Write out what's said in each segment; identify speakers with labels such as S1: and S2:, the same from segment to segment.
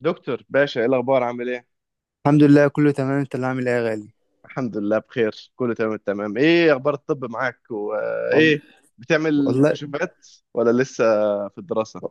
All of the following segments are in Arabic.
S1: دكتور باشا، ايه الاخبار؟ عامل ايه؟
S2: الحمد لله كله تمام، انت اللي عامل ايه يا غالي؟
S1: الحمد لله بخير، كله تمام التمام. ايه اخبار الطب معاك؟
S2: وال...
S1: وايه بتعمل
S2: والله.
S1: كشوفات ولا لسه في الدراسة؟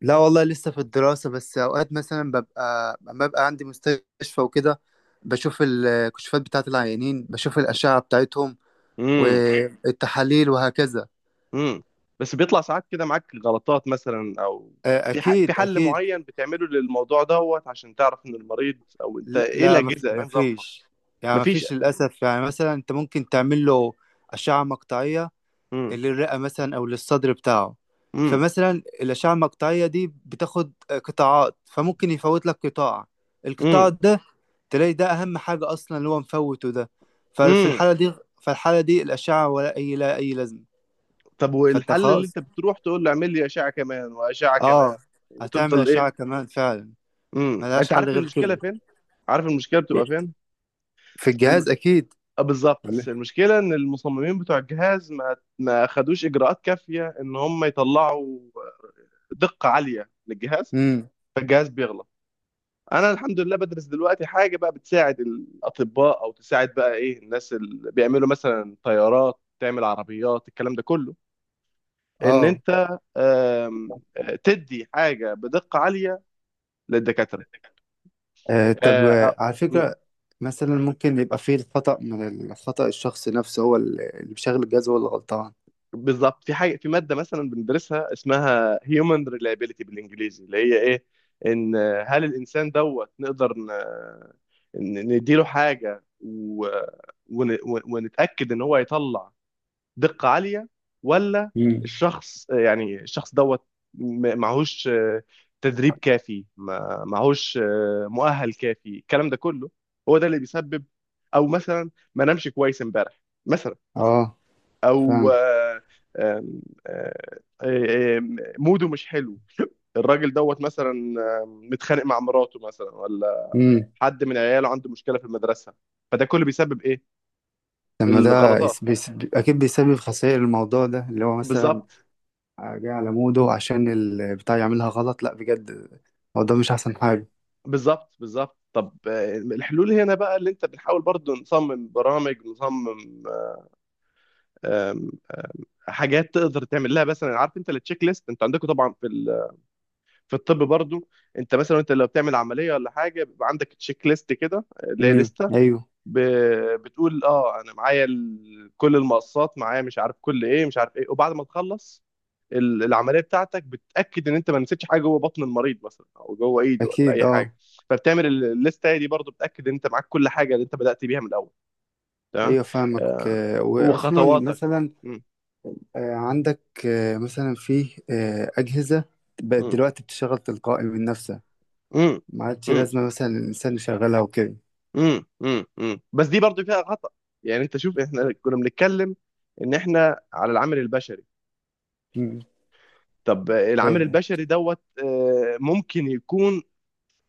S2: لا والله لسه في الدراسة، بس اوقات مثلا لما ببقى عندي مستشفى وكده بشوف الكشوفات بتاعت العيانين، بشوف الأشعة بتاعتهم
S1: امم.
S2: والتحاليل وهكذا.
S1: امم. بس بيطلع ساعات كده معاك غلطات مثلا، او
S2: آه،
S1: في
S2: اكيد
S1: حل
S2: اكيد.
S1: معين بتعمله للموضوع دوت عشان تعرف ان المريض او انت
S2: لا
S1: ايه
S2: لا،
S1: الاجهزة ايه نظامها؟
S2: مفيش، يعني
S1: مفيش؟
S2: مفيش للأسف. يعني مثلا انت ممكن تعمل له أشعة مقطعية
S1: امم.
S2: للرئة مثلا أو للصدر بتاعه.
S1: امم.
S2: فمثلا الأشعة المقطعية دي بتاخد قطاعات، فممكن يفوت لك القطاع
S1: امم.
S2: ده تلاقي ده أهم حاجة أصلا اللي هو مفوته ده. ففي
S1: امم.
S2: الحالة دي فالحالة دي الأشعة ولا أي لا أي لازمة.
S1: طب
S2: فأنت
S1: والحل اللي
S2: خلاص
S1: انت بتروح تقول له اعمل لي اشعة كمان واشعة كمان
S2: آه هتعمل
S1: وتفضل
S2: أشعة
S1: ايه؟
S2: كمان فعلا،
S1: امم،
S2: ملهاش
S1: انت
S2: حل
S1: عارف
S2: غير
S1: المشكله
S2: كده.
S1: فين؟ عارف المشكله بتبقى فين؟
S2: في
S1: الم...
S2: الجهاز أكيد،
S1: بالظبط.
S2: ولا؟
S1: المشكله ان المصممين بتوع الجهاز ما خدوش اجراءات كافيه ان هم يطلعوا دقه عاليه للجهاز،
S2: امم
S1: فالجهاز بيغلط. انا الحمد لله بدرس دلوقتي حاجه بقى بتساعد الاطباء، او تساعد بقى ايه، الناس اللي بيعملوا مثلا طيارات، تعمل عربيات، الكلام ده كله، ان
S2: اه.
S1: انت آم، آه، تدي حاجه بدقه عاليه للدكاتره.
S2: طب،
S1: آه، آه،
S2: على فكرة، مثلا ممكن يبقى فيه الخطأ من الخطأ الشخص نفسه، هو اللي مشغل الجهاز هو اللي غلطان.
S1: بالظبط. في حاجه، في ماده مثلا بندرسها اسمها هيومن ريلايبيليتي بالانجليزي، اللي هي ايه، ان هل الانسان دوت نقدر نديله حاجه و ونتاكد ان هو يطلع دقه عاليه ولا
S2: مم.
S1: الشخص، يعني الشخص دوت معهوش تدريب كافي، معهوش مؤهل كافي، الكلام ده كله، هو ده اللي بيسبب. او مثلا ما نامش كويس امبارح مثلا،
S2: اه
S1: او
S2: فاهم.
S1: آه، آم، آه، آم، موده مش حلو، الراجل دوت مثلا متخانق مع مراته مثلا، ولا
S2: امم
S1: حد من عياله عنده مشكله في المدرسه، فده كله بيسبب ايه؟
S2: لما ده
S1: الغلطات،
S2: يس- بيس... اكيد بيسبب خسائر. الموضوع ده اللي هو مثلا
S1: بالظبط.
S2: جاي على موده عشان البتاع يعملها غلط، لا بجد هو ده مش احسن حاجة.
S1: بالظبط بالظبط. طب الحلول هنا بقى، اللي انت بنحاول برضو نصمم برامج، نصمم آم، حاجات تقدر تعمل لها. مثلا عارف انت التشيك ليست، انت عندكم طبعا في في الطب برضو، انت مثلا انت لو بتعمل عمليه ولا حاجه بيبقى عندك تشيك ليست كده اللي هي لسته،
S2: ايوه
S1: ب... بتقول اه انا معايا كل المقصات معايا، مش عارف كل ايه، مش عارف ايه. وبعد ما تخلص العمليه بتاعتك، بتاكد ان انت ما نسيتش حاجه جوه بطن المريض مثلا، او جوه ايده، ولا
S2: اكيد.
S1: اي
S2: اه،
S1: حاجه. فبتعمل الليسته دي برضو، بتاكد ان انت معاك كل حاجه اللي انت بدات بيها من الاول، تمام.
S2: ايوه فاهمك.
S1: آه،
S2: واصلا
S1: وخطواتك.
S2: مثلا
S1: م-
S2: عندك مثلا في اجهزة بقت
S1: م-
S2: دلوقتي بتشتغل تلقائي من نفسها،
S1: م-
S2: ما عادش
S1: م-
S2: لازمة مثلا الإنسان يشغلها وكده.
S1: م- م- م. بس دي برضو فيها خطا. يعني انت شوف، احنا كنا بنتكلم ان احنا على العامل البشري.
S2: مم.
S1: طب العامل
S2: آه،
S1: البشري دوت ممكن يكون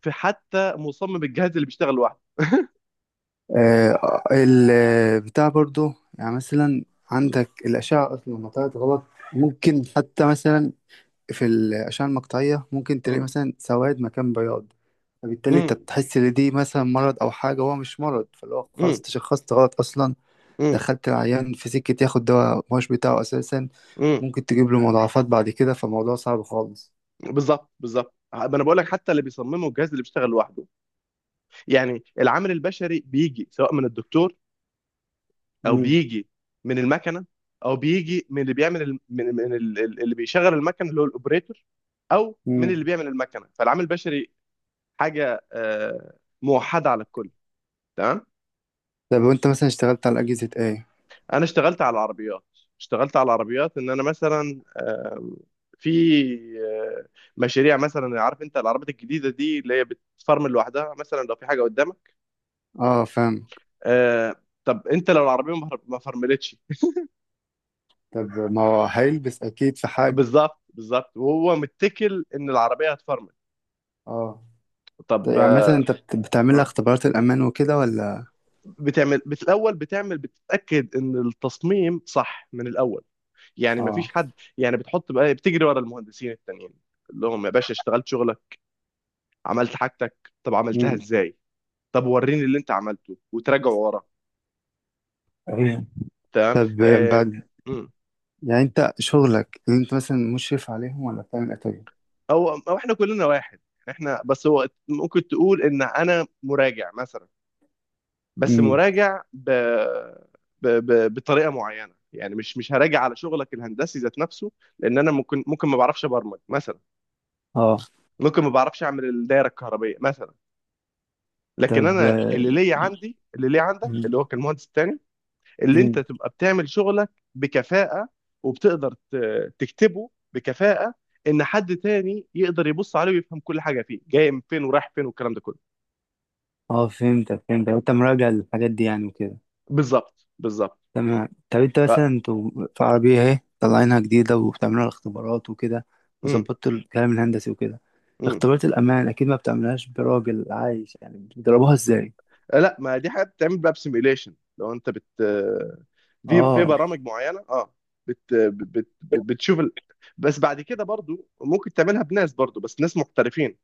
S1: في حتى مصمم الجهاز اللي بيشتغل لوحده.
S2: آه، البتاع برضو، يعني مثلا
S1: مم.
S2: عندك الأشعة أصلا لما طلعت غلط، ممكن حتى مثلا في الأشعة المقطعية ممكن تلاقي
S1: مم.
S2: مثلا سواد مكان بياض، فبالتالي أنت
S1: مم.
S2: بتحس إن دي مثلا مرض أو حاجة، هو مش مرض. فاللي هو خلاص
S1: مم.
S2: تشخصت غلط أصلا،
S1: مم.
S2: دخلت العيان في سكة ياخد دواء مش بتاعه أساسا،
S1: مم.
S2: ممكن تجيب له مضاعفات بعد كده. فالموضوع صعب خالص.
S1: بالظبط بالظبط، ما انا بقول لك حتى اللي بيصممه الجهاز اللي بيشتغل لوحده. يعني العامل البشري بيجي سواء من الدكتور، او
S2: مم.
S1: بيجي من المكنه، او بيجي من اللي بيعمل اللي بيشغل المكنه اللي هو الاوبريتور، او من
S2: مم.
S1: اللي بيعمل المكنه. فالعامل البشري حاجه موحده على الكل، تمام.
S2: طب وأنت مثلا اشتغلت على أجهزة إيه؟
S1: انا اشتغلت على العربيات. اشتغلت على العربيات ان انا مثلا في آه، مشاريع. مثلا عارف انت العربيات الجديده دي اللي هي بتفرمل لوحدها مثلا لو في حاجه قدامك.
S2: اه فاهم.
S1: آه، طب انت لو العربيه ما فرملتش؟
S2: طب ما هو هيلبس اكيد في حاجة.
S1: بالظبط بالظبط، وهو متكل ان العربيه هتفرمل.
S2: اه. طب
S1: طب
S2: يعني مثلا انت بتعمل لها
S1: آه.
S2: اختبارات الامان وكده ولا؟
S1: بتعمل، الاول بتعمل، بتتاكد ان التصميم صح من الاول، يعني ما
S2: اه.
S1: فيش حد، يعني بتحط بقى، بتجري ورا المهندسين التانيين اللي هم يا باشا اشتغلت شغل، عملت حاجتك، طب عملتها
S2: مم.
S1: ازاي؟ طب وريني اللي انت عملته، وتراجع ورا،
S2: أيوة.
S1: تمام
S2: طب
S1: آه.
S2: بعد،
S1: مم.
S2: يعني انت شغلك اللي انت مثلا مشرف عليهم ولا بتعمل ايه طيب؟
S1: او احنا كلنا واحد. احنا، بس هو ممكن تقول ان انا مراجع مثلا، بس
S2: امم.
S1: مراجع بطريقه معينه. يعني مش هراجع على شغلك الهندسي ذات نفسه، لان انا ممكن ما بعرفش ابرمج مثلا،
S2: اه.
S1: ممكن ما بعرفش اعمل الدايره الكهربائيه مثلا. لكن
S2: طب.
S1: انا اللي ليا عندي، اللي ليا عندك، اللي
S2: مم.
S1: هو كان المهندس التاني، اللي انت
S2: مم.
S1: تبقى بتعمل شغلك بكفاءة، وبتقدر تكتبه بكفاءة، ان حد تاني يقدر يبص عليه ويفهم كل حاجة فيه، جاي من فين ورايح فين والكلام ده كله.
S2: اه فهمتك فهمتك، انت مراجع للحاجات دي يعني وكده.
S1: بالظبط بالظبط.
S2: تمام. طب انت مثلا،
S1: ف...
S2: انتوا في عربية اهي طالعينها جديدة وبتعملوا الاختبارات وكده،
S1: مم.
S2: وظبطتوا الكلام الهندسي وكده،
S1: مم.
S2: اختبارات الأمان أكيد ما بتعملهاش براجل عايش يعني، بتضربوها ازاي؟
S1: لا، ما دي حاجة بتعمل بقى بسيميليشن، لو انت بت، في في
S2: اه.
S1: برامج معينة، اه. بت... بت... بت... بتشوف ال... بس بعد كده برضو ممكن تعملها بناس برضو، بس ناس محترفين.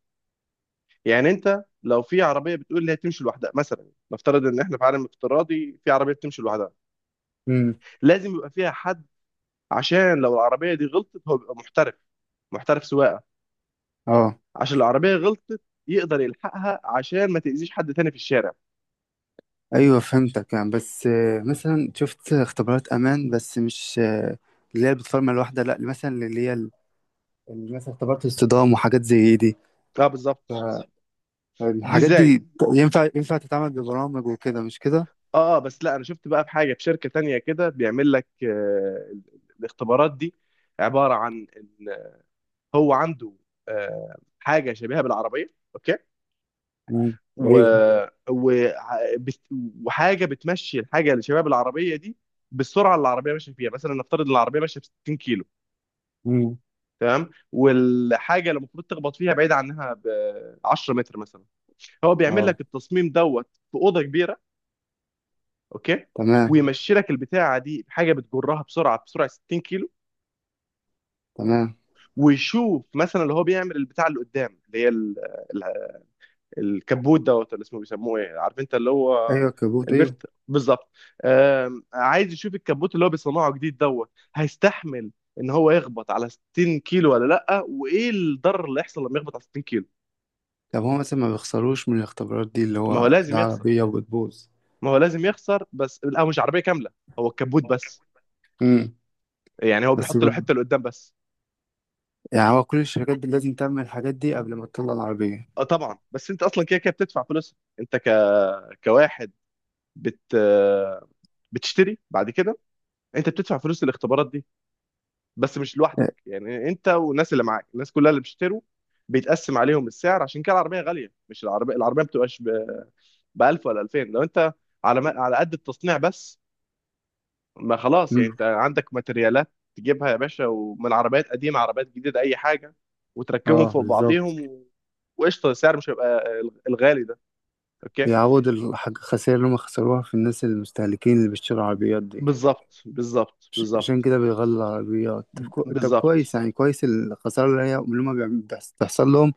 S1: يعني انت لو في عربية بتقول لي هتمشي لوحدها مثلا، نفترض ان احنا في عالم افتراضي، في عربية بتمشي لوحدها،
S2: امم.
S1: لازم يبقى فيها حد، عشان لو العربية دي غلطت هو بيبقى محترف، محترف سواقة،
S2: اه
S1: عشان العربية غلطت يقدر يلحقها عشان ما تأذيش حد تاني في الشارع.
S2: ايوه فهمتك. يعني بس مثلا شفت اختبارات امان بس مش اللي هي بتفرمل الواحده، لا مثلا اللي مثلا اختبارات الصدام وحاجات زي دي.
S1: اه، بالظبط. دي
S2: فالحاجات
S1: ازاي؟
S2: دي ينفع تتعمل ببرامج وكده، مش كده؟
S1: اه، بس لا انا شفت بقى في حاجة في شركة تانية كده، بيعمل لك آه الاختبارات دي عبارة عن ان هو عنده آه حاجة شبيهة بالعربية، اوكي،
S2: امم.
S1: و...
S2: ايوه.
S1: و... بت- وحاجة بتمشي، الحاجة اللي شبيهة بالعربية دي بالسرعة اللي العربية ماشية فيها. مثلا نفترض ان العربية ماشية ب 60 كيلو،
S2: امم.
S1: تمام، والحاجه اللي المفروض تخبط فيها بعيد عنها ب 10 متر مثلا. هو بيعمل
S2: اه.
S1: لك التصميم دوت في اوضه كبيره، اوكي،
S2: تمام
S1: ويمشي لك البتاعه دي، حاجه بتجرها بسرعه، بسرعه 60 كيلو،
S2: تمام.
S1: ويشوف مثلا اللي هو بيعمل البتاع اللي قدام اللي هي ال- الكبوت دوت، اللي اسمه بيسموه ايه عارف انت، اللي هو
S2: ايوه الكبوت ايوه.
S1: البفت، بالظبط. عايز يشوف الكبوت اللي هو بيصنعه جديد دوت، هيستحمل ان هو يخبط على 60 كيلو ولا لا، وايه الضرر اللي يحصل لما يخبط على 60 كيلو.
S2: طب هو مثلا ما بيخسروش من الاختبارات دي؟ اللي
S1: ما هو
S2: هو
S1: لازم
S2: ده
S1: يحصل،
S2: عربية وبتبوظ.
S1: ما هو لازم يخسر. بس لا، هو مش عربيه كامله، هو الكبوت بس،
S2: امم.
S1: يعني هو
S2: بس
S1: بيحط له
S2: بر-
S1: حته لقدام بس.
S2: يعني هو كل الشركات دي لازم تعمل الحاجات دي قبل ما تطلع العربية.
S1: اه طبعا، بس انت اصلا كده كده بتدفع فلوسها، انت كواحد بت بتشتري بعد كده، انت بتدفع فلوس الاختبارات دي، بس مش لوحدك. يعني انت والناس اللي معاك، الناس كلها اللي بيشتروا، بيتقسم عليهم السعر، عشان كده العربيه غاليه. مش العربيه، العربيه ما بتبقاش ب 1000 ولا 2000، لو انت على قد التصنيع بس. ما خلاص، يعني
S2: امم.
S1: انت عندك ماتريالات تجيبها يا باشا، ومن عربيات قديمة، عربيات جديدة، أي حاجة، وتركبهم
S2: اه
S1: فوق
S2: بالظبط.
S1: بعضيهم، و... وقشطة، السعر مش هيبقى الغالي ده، أوكي.
S2: بيعوض الحاجة، الخسائر اللي هم خسروها في الناس المستهلكين اللي بيشتروا العربيات دي.
S1: بالظبط بالظبط.
S2: عشان
S1: بالظبط
S2: كده بيغلوا العربيات. طب،
S1: بالظبط.
S2: كويس، يعني كويس. الخسارة اللي هم بتحصل لهم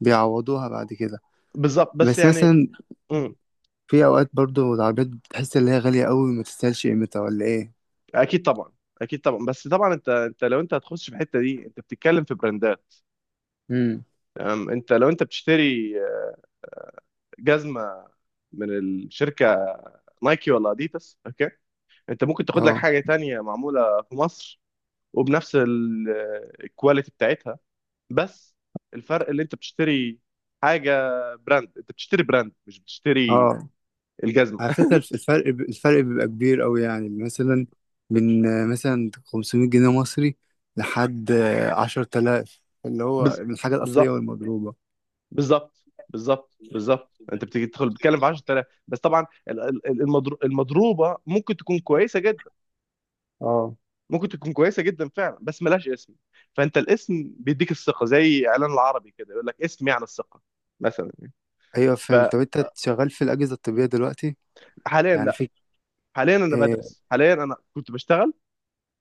S2: بيعوضوها بعد كده.
S1: بالظبط، بس
S2: بس
S1: يعني،
S2: مثلا
S1: امم،
S2: في أوقات برضو العربيات بتحس إن هي غالية أوي ما تستاهلش قيمتها ولا إيه.
S1: أكيد طبعا. أكيد طبعا، بس طبعا أنت، أنت لو أنت هتخش في الحتة دي أنت بتتكلم في براندات،
S2: امم.
S1: تمام. أنت لو أنت بتشتري جزمة من الشركة نايكي ولا أديداس، أوكي، أنت ممكن تاخد لك
S2: اه.
S1: حاجة تانية معمولة في مصر وبنفس الكواليتي بتاعتها، بس الفرق اللي انت بتشتري حاجه براند، انت بتشتري براند، مش بتشتري
S2: اه
S1: الجزمه.
S2: على فكرة الفرق بيبقى كبير أوي، يعني مثلا من مثلا 500 جنيه مصري لحد 10,000، اللي هو
S1: بز...
S2: من الحاجة الأصلية
S1: بالظبط.
S2: والمضروبة.
S1: بالظبط بالظبط. بالظبط، انت بتيجي تدخل، بتتكلم في 10000. بس طبعا المضروبه ممكن تكون كويسه جدا،
S2: اه
S1: ممكن تكون كويسه جدا فعلا، بس ملهاش اسم. فانت الاسم بيديك الثقه، زي اعلان العربي كده يقول لك اسم يعني الثقه مثلا.
S2: أيوة فهمت. طب أنت شغال في الأجهزة الطبية دلوقتي،
S1: فحاليا
S2: يعني
S1: لا،
S2: في؟
S1: حاليا انا
S2: آه،
S1: بدرس. حاليا انا كنت بشتغل،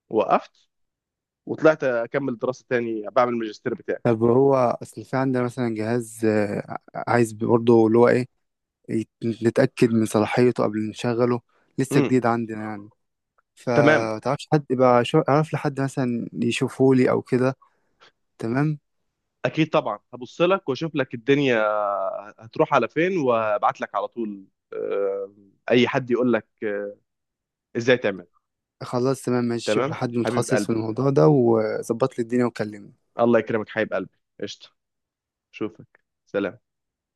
S1: وقفت وطلعت اكمل دراسه تاني، بعمل الماجستير بتاعي.
S2: طب هو أصل في عندنا مثلا جهاز، عايز برضه اللي هو إيه يت- نتأكد من صلاحيته قبل نشغله، لسه
S1: امم،
S2: جديد عندنا يعني.
S1: تمام.
S2: فتعرفش حد يبقى أعرف لحد مثلا يشوفه لي أو كده؟ تمام.
S1: اكيد طبعا، هبص لك واشوف لك الدنيا هتروح على فين، وابعت لك على طول آه، اي حد يقول لك ازاي تعمل.
S2: خلاص تمام ماشي، شوف
S1: تمام
S2: لحد
S1: حبيب
S2: متخصص
S1: قلبي،
S2: في الموضوع ده وظبط لي الدنيا وكلمني.
S1: الله يكرمك حبيب قلبي، قشطه، اشوفك، سلام.